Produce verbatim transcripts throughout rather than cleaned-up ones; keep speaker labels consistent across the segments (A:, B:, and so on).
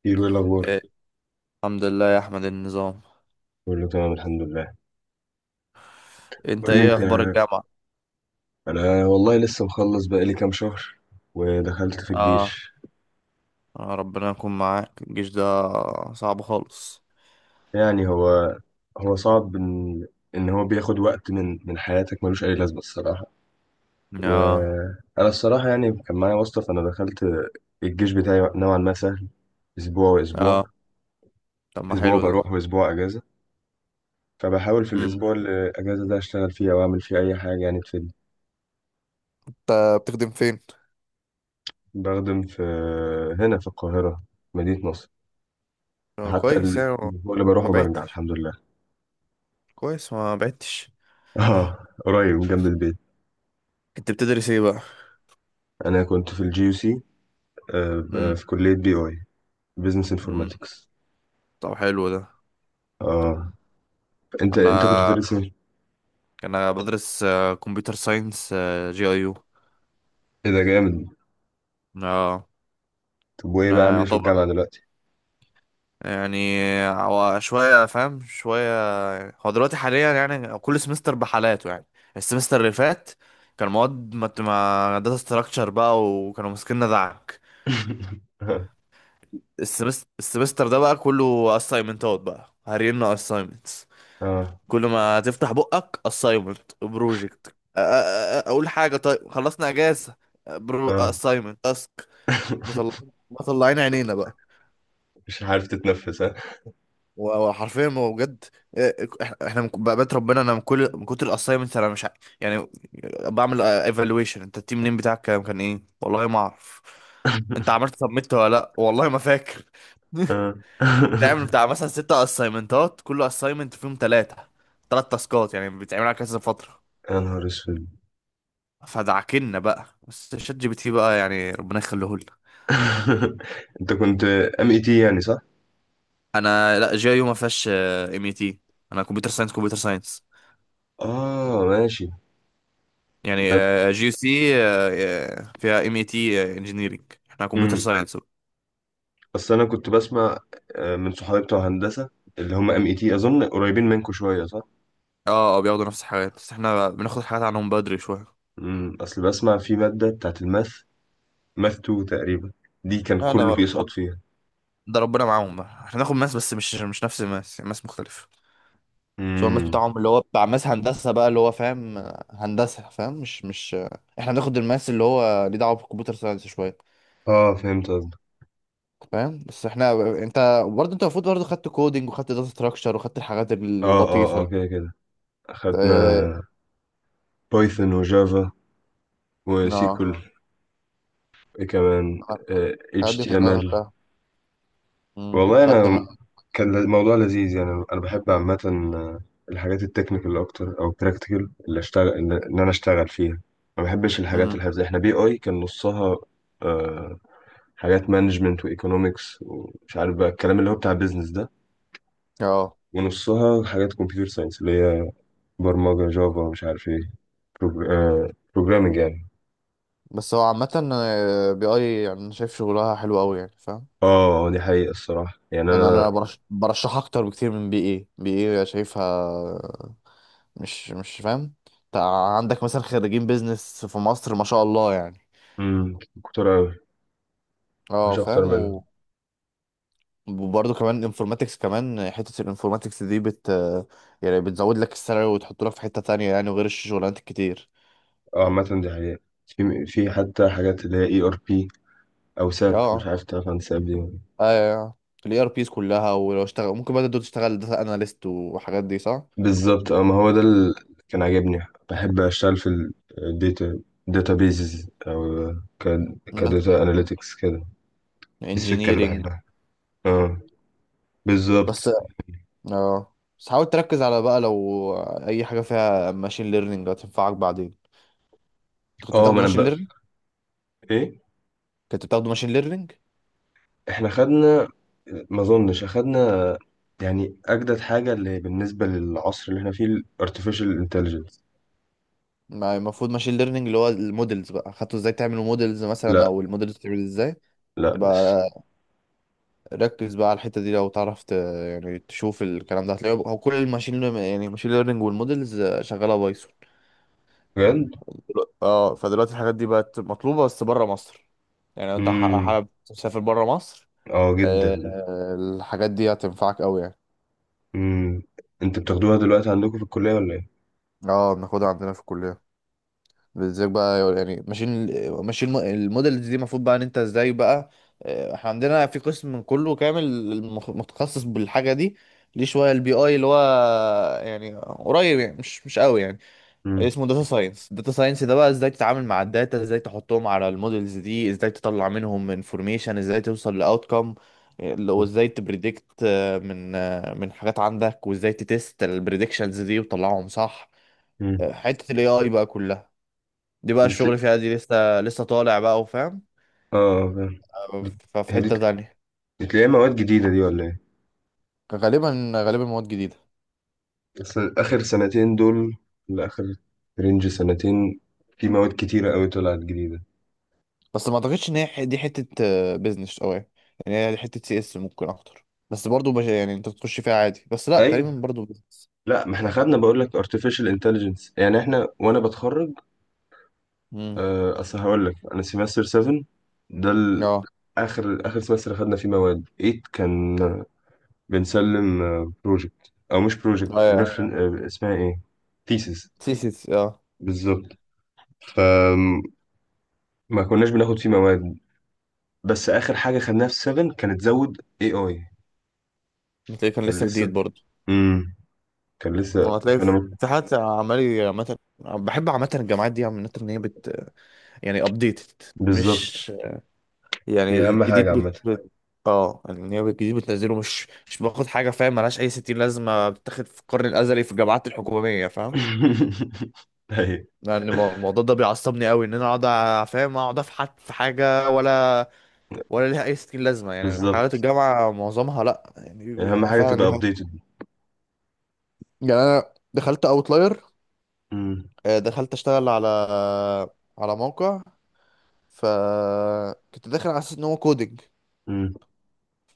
A: كتير، ايه الاخبار؟
B: إيه، الحمد لله يا احمد. النظام.
A: كله تمام، الحمد لله.
B: انت
A: قول لي
B: ايه
A: انت.
B: اخبار الجامعة؟
A: انا والله لسه مخلص بقالي كام شهر، ودخلت في
B: اه.
A: الجيش.
B: آه، ربنا يكون معاك. الجيش ده صعب خالص.
A: يعني هو هو صعب ان ان هو بياخد وقت من من حياتك، ملوش اي لازمه الصراحه.
B: اه
A: وانا الصراحه يعني كان معايا واسطه، فانا دخلت الجيش بتاعي نوعا ما سهل. اسبوع واسبوع،
B: اه. طب ما
A: اسبوع
B: حلو ده.
A: بروح واسبوع اجازه. فبحاول في
B: مم.
A: الاسبوع الاجازه ده اشتغل فيه، او اعمل فيه اي حاجه يعني تفيدني.
B: انت بتخدم فين؟
A: بخدم في هنا في القاهره، مدينه نصر.
B: آه،
A: حتى
B: كويس يعني. ما
A: الأسبوع اللي بروح
B: ما
A: وبرجع،
B: بعدتش،
A: الحمد لله.
B: كويس ما بعدتش.
A: اه، قريب من جنب البيت.
B: انت بتدرس ايه بقى؟
A: انا كنت في الجي يو سي،
B: مم.
A: في كلية بي اي، بزنس
B: مم.
A: انفورماتكس.
B: طب حلو ده.
A: اه، انت انت كنت
B: انا
A: بتدرس ايه؟
B: انا بدرس آه، كمبيوتر ساينس، آه، جي اي يو.
A: إيه ده جامد!
B: اه.
A: طب، وايه بقى عامل
B: انا
A: ايه في الجامعة دلوقتي؟
B: يعني هو شوية فاهم شوية يعني. هو دلوقتي حاليا يعني كل سمستر بحالاته يعني. السمستر اللي فات كان مواد مت- ما داتا ستراكشر بقى، وكانوا ماسكيننا دعك. السمس- السمستر ده بقى كله اسايمنتات، بقى هرينا اسايمنتس.
A: اه
B: كل ما تفتح بقك اسايمنت بروجكت، اقول حاجة طيب خلصنا اجازة، برو
A: اه
B: اسايمنت اسك. مطلعين مطلعين عينينا بقى.
A: مش عارف تتنفس، ها.
B: وحرفيا ما هو بجد. إيه، احنا إحنا من بقى- بقيت ربنا، انا من كل من كتر الاسايمنت، انا مش ع- يعني بعمل ايفالويشن، انت التيم نيم بتاعك كان كان ايه، والله ما اعرف، انت عملت سبميت ولا لا، والله ما فاكر.
A: اه
B: تعمل بتاع مثلا ستة اسايمنتات، كل اسايمنت فيهم ثلاثة ثلاث تاسكات، يعني بتعمل على كذا فترة.
A: يا نهار اسود.
B: فدعكنا بقى، بس شات جي بي تي بقى يعني ربنا يخليه لنا.
A: انت كنت ام اي تي يعني، صح؟
B: انا لا، جي يو ما فيهاش ام اي تي، انا كمبيوتر ساينس كمبيوتر ساينس
A: اه، ماشي.
B: يعني.
A: ده-
B: جي يو سي فيها ام اي تي انجينيرنج، احنا كمبيوتر
A: مم.
B: ساينس.
A: بس انا كنت بسمع آه، من صحابي بتوع هندسه، اللي هم ام اي تي، اظن قريبين منكم شويه، صح؟
B: اه اه، بياخدوا نفس الحاجات، بس احنا بناخد حاجات عنهم بدري شويه.
A: امم اصل بسمع في ماده بتاعت الماث، ماث اتنين تقريبا. دي كان
B: لا لا،
A: كله بيسقط
B: هو-
A: فيها.
B: ده ربنا معاهم بقى، احنا ناخد ماس بس مش مش نفس الماس، ماس مختلف. بس هو الماس
A: امم.
B: بتاعهم اللي هو بتاع ماس هندسة بقى، اللي هو فاهم، آه، هندسة، فاهم، مش مش آه، احنا بناخد الماس اللي هو ليه دعوة بالكمبيوتر ساينس شوية،
A: اه، فهمت قصدك.
B: فاهم. بس احنا، انت برضه، انت المفروض برضه خدت كودينج وخدت داتا ستراكشر وخدت الحاجات
A: اه اه
B: اللطيفة.
A: اه، كده كده اخدنا
B: اه،
A: بايثون وجافا
B: آه،
A: وسيكول. اه، ايه كمان؟
B: الحاجات
A: اتش
B: دي
A: تي ام
B: كلها
A: ال.
B: خدتها. امم
A: والله
B: خدت انا.
A: انا، كان الموضوع لذيذ يعني. انا بحب عامه آه، الحاجات التكنيكال اكتر، او البراكتيكال، اللي اشتغل اللي ان انا اشتغل فيها. ما بحبش الحاجات
B: امم
A: الحفظيه. احنا بي اي كان نصها آه، حاجات مانجمنت وايكونومكس، ومش عارف بقى الكلام اللي هو بتاع بيزنس ده.
B: اه
A: ونصها حاجات كمبيوتر ساينس اللي هي برمجه جافا مش عارف ايه، بروجرامنج يعني.
B: بس هو عامة، آه، بي اي يعني أنا شايف شغلها حلو قوي يعني، فاهم.
A: اه، آه، دي حقيقه الصراحه، يعني
B: يعني انا
A: انا.
B: برش... برشحها اكتر بكتير من بي اي بي اي شايفها، مش مش فاهم. تع- عندك مثلا خريجين بيزنس في مصر ما شاء الله يعني.
A: مم، كنت أوي.
B: اه
A: مفيش
B: فاهم،
A: اكتر منها.
B: و- وبرضه كمان انفورماتكس، كمان حتة الانفورماتكس دي بت يعني بتزود لك السالري وتحط لك في حتة تانية يعني، وغير الشغلانات الكتير.
A: اه، عامة دي حقيقة. في في حتى حاجات اللي هي اي ار بي، او ساب، مش
B: اه
A: عارف تعرف عن ساب دي ولا لأ.
B: ايوه، الاي ار بيز كلها، ولو اشتغل، ممكن بقى تبدأ تشتغل داتا اناليست وحاجات دي صح.
A: بالظبط، اه، ما هو ده اللي كان عاجبني. بحب اشتغل في الداتا، داتا بيزز، او ك
B: بس
A: كداتا اناليتكس كده. دي السكة اللي
B: انجينيرينج.
A: بحبها. اه،
B: بس
A: بالظبط.
B: اه بس حاول تركز على بقى، لو اي حاجه فيها ماشين ليرنينج، هتنفعك بعدين. انت كنت
A: اه، ما
B: بتاخده
A: انا
B: ماشين
A: بقى،
B: ليرنينج
A: ايه،
B: كنت بتاخده ماشين ليرنينج؟
A: احنا خدنا، ما اظنش اخدنا. يعني اجدد حاجة اللي بالنسبة للعصر اللي احنا فيه، الارتفيشال انتليجنس.
B: ما المفروض ماشين ليرنينج، اللي هو المودلز بقى، خدته ازاي تعمل مودلز مثلا،
A: لا،
B: او المودلز بتعمل ازاي؟
A: لا لسه.
B: بقى ركز بقى على الحته دي، لو تعرف ت... يعني تشوف الكلام ده، هتلاقيه هو كل الماشين يعني ماشين ليرنينج والمودلز شغاله بايثون.
A: بجد؟
B: دلوقتي- اه فدلوقتي الحاجات دي بقت مطلوبة بس بره مصر. يعني لو انت ح-
A: امم،
B: حابب تسافر بره مصر،
A: اه جدا.
B: آه، آه، الحاجات دي هتنفعك قوي يعني.
A: امم، انتوا بتاخدوها دلوقتي عندكم في الكلية ولا ايه؟
B: اه، بناخدها عندنا في الكلية. بالذات بقى يعني، ماشيين ماشيين الم- المودلز دي، المفروض بقى ان انت ازاي بقى. آه، احنا عندنا في قسم كله كامل المخ- متخصص بالحاجة دي. ليه شوية البي اي اللي هو يعني قريب يعني مش مش قوي يعني.
A: امم.
B: اسمه داتا ساينس. داتا ساينس ده بقى ازاي تتعامل مع الداتا، ازاي تحطهم على المودلز دي، ازاي تطلع منهم انفورميشن، ازاي توصل لاوتكم، وازاي تبريدكت من آه، من حاجات عندك، وازاي تتست البريدكشنز دي وتطلعهم صح.
A: امم.
B: آه، حتة الاي اي بقى كلها دي، بقى
A: دي تل...
B: الشغل فيها دي لسه لسه طالع بقى، وفاهم.
A: اه، آه، فاهم.
B: آه،
A: دي-
B: ففي
A: هي دي،
B: حتة تانية.
A: دي تلاقيها مواد جديدة دي ولا ايه؟
B: غالبا غالبا مواد جديدة.
A: بس آخر سنتين دول، لآخر رينج سنتين، في مواد كتيرة قوي طلعت جديدة.
B: بس ما اعتقدش ان هي ح- دي حتة بزنس قوي، يعني هي حتة سي اس ممكن اكتر، بس برضو بش... يعني انت بتخش فيها عادي، بس لا، تقريبا
A: ايوه،
B: برضو business.
A: لا ما احنا خدنا، بقول لك artificial intelligence، يعني احنا، وانا بتخرج.
B: امم.
A: آه، اصل هقول لك انا سيمستر سفن. ده ال-
B: اه
A: اخر اخر سمستر خدنا فيه مواد تمانية، كان بنسلم بروجكت، او مش بروجكت،
B: ايوه،
A: ريفرن اسمها ايه، ثيسز.
B: سيسيس اه.
A: بالظبط. فما كناش بناخد فيه مواد، بس اخر حاجه خدناها في سبعة كانت زود اي اي.
B: هتلاقيه كان
A: كان
B: لسه
A: لسه.
B: جديد برضه.
A: امم كان لسه.
B: هو هتلاقي
A: فانا
B: في
A: مت-
B: في حد عمال، عامة بحب عامة الجامعات دي عامة ان هي بت يعني ابديتد،
A: بالظبط.
B: مش يعني
A: دي اهم
B: الجديد
A: حاجه عامه.
B: بت, بت... اه، يعني ان هي الجديد بتنزله، مش مش باخد حاجة، فاهم؟ ملهاش اي ستين لازمة، بتاخد في القرن الازلي في الجامعات الحكومية، فاهم.
A: ايوه،
B: يعني المو- الموضوع ده بيعصبني قوي، ان انا اقعد أ- فاهم، اقعد افحت في حاجة، ولا ولا ليها اي ستين لازمة. يعني حالات
A: بالظبط.
B: الجامعة معظمها لا،
A: اهم
B: يعني
A: حاجه
B: فعلا.
A: تبقى ابديتد.
B: يعني انا دخلت اوتلاير،
A: امم.
B: دخلت اشتغل على على موقع، فكنت داخل على اساس ان هو كودنج،
A: امم.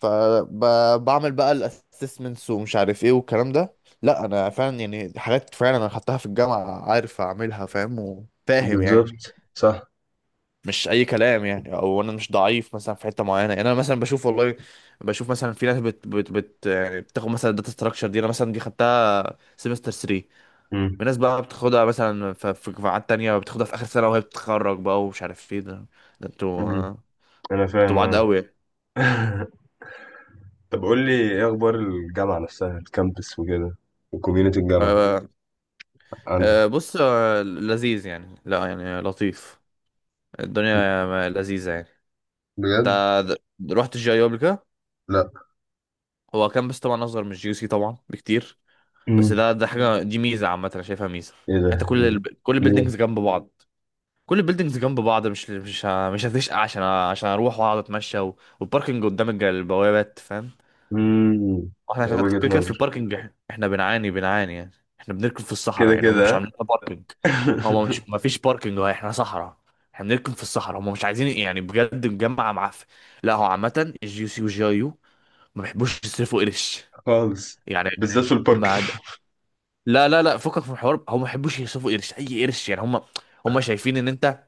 B: فبعمل بقى الاسسمنتس ومش عارف ايه والكلام ده. لا انا فعلا، يعني حاجات فعلا انا خدتها في الجامعه، عارف اعملها، فاهم وفاهم يعني.
A: بالظبط، صح.
B: مش اي كلام يعني، او انا مش ضعيف مثلا في حته معينه يعني. انا مثلا بشوف، والله بشوف مثلا في ناس بت بت بت يعني بتاخد مثلا الداتا ستراكشر دي، انا مثلا دي خدتها سيمستر ثلاثة. في
A: امم.
B: ناس بقى بتاخدها مثلا ف- في قاعات تانية، بتاخدها في آخر سنة وهي بتتخرج بقى، ومش عارف ايه ده. ده انتوا
A: امم. انا
B: انتوا
A: فاهم،
B: بعاد
A: اه.
B: قوي.
A: طب، قول لي ايه اخبار الجامعه نفسها، الكامبس وكده، وكوميونتي الجامعه
B: آه،
A: عندك.
B: آه، بص، آه، لذيذ يعني، لا يعني لطيف، الدنيا لذيذة يعني. انت
A: بجد؟
B: د- رحت الجي اي قبل كده؟
A: لا.
B: هو كامبس طبعا اصغر من الجي سي طبعا بكتير، بس
A: امم،
B: ده ده حاجة دي ميزة، عامة انا شايفها ميزة.
A: ايه ده؟
B: انت كل ال... كل
A: ليه؟
B: البيلدينجز جنب بعض، كل البيلدينجز جنب بعض مش مش ه- مش هتشقى، عشان عشان اروح واقعد اتمشى، و... والباركنج قدام الج- البوابات، فاهم.
A: امم،
B: احنا عشان
A: وجهه
B: كده كده في
A: نظر.
B: الباركنج، إح- احنا بنعاني بنعاني يعني. احنا بنركن في الصحراء
A: كده
B: يعني، هم
A: كده،
B: مش
A: ها؟
B: عاملين لنا باركنج. هم مش ما فيش باركنج، هو احنا صحراء. احنا بنركن في الصحراء، هم مش عايزين يعني، بجد الجامعة معفن. لا هو عامة الجي يو سي والجي اي يو ما بيحبوش يصرفوا قرش
A: خالص.
B: يعني،
A: بالذات في البارك.
B: ما لا لا لا، فكك من الحوار، هم ما يحبوش يصرفوا قرش، اي قرش يعني. هم هم شايفين ان انت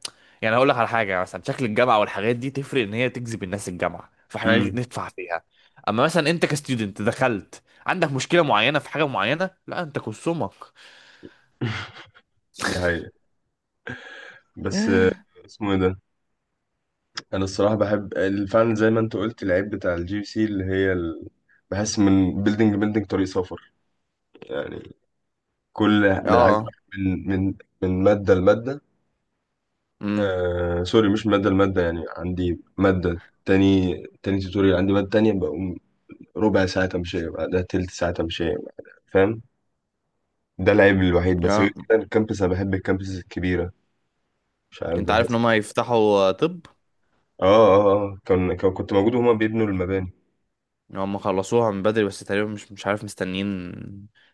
B: يعني، هقول لك على حاجه، مثلا شكل الجامعه والحاجات دي تفرق ان هي تجذب الناس الجامعه فاحنا
A: امم،
B: ندفع فيها. اما مثلا انت كستودنت دخلت عندك مشكله معينه في حاجه معينه، لا انت كسومك.
A: دي حقيقة. بس آه، اسمه ايه ده. انا الصراحه بحب ال- فعلا زي ما انت قلت، العيب بتاع الجي سي اللي هي ال... بحس من بيلدينج بيلدينج طريق سفر، يعني. كل من عايز
B: اه.
A: أروح من من من ماده لماده.
B: امم
A: آه سوري، مش مادة، المادة يعني عندي مادة تاني، تاني توتوريال. عندي مادة تانية بقوم ربع ساعة تمشية بعدها، تلت ساعة تمشية بعدها، فاهم. ده العيب الوحيد. بس غير
B: اه،
A: كده الكامبس، أنا بحب الكامبس الكبيرة، مش عارف،
B: انت عارف ان
A: بحس.
B: هم هيفتحوا؟ آه، طب
A: اه اه اه، آه، كان كان- كنت موجود وهما بيبنوا المباني.
B: هم خلصوها من بدري بس تقريبا مش مش عارف، مستنيين،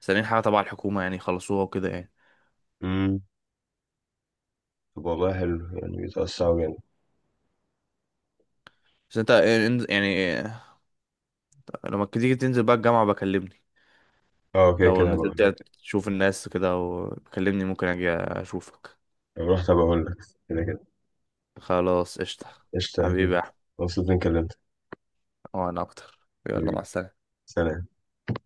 B: مستنيين حاجه تبع الحكومه، يعني يخلصوها وكده يعني.
A: امم. طب والله حلو، يعني بيتوسعوا جامد.
B: بس انت إن- يعني لما تيجي تنزل بقى الجامعة بكلمني،
A: اه، كده
B: لو
A: كده
B: نزلت
A: هبقول
B: يعني
A: لك.
B: تشوف الناس كده، وبكلمني ممكن اجي اشوفك.
A: لو رحت هبقول لك. كده كده.
B: خلاص قشطة.
A: قشطة يا كده.
B: حبيبي يا احمد.
A: مبسوط إني كلمتك.
B: وانا اكتر. يلا مع
A: حبيبي،
B: السلامة.
A: سلام.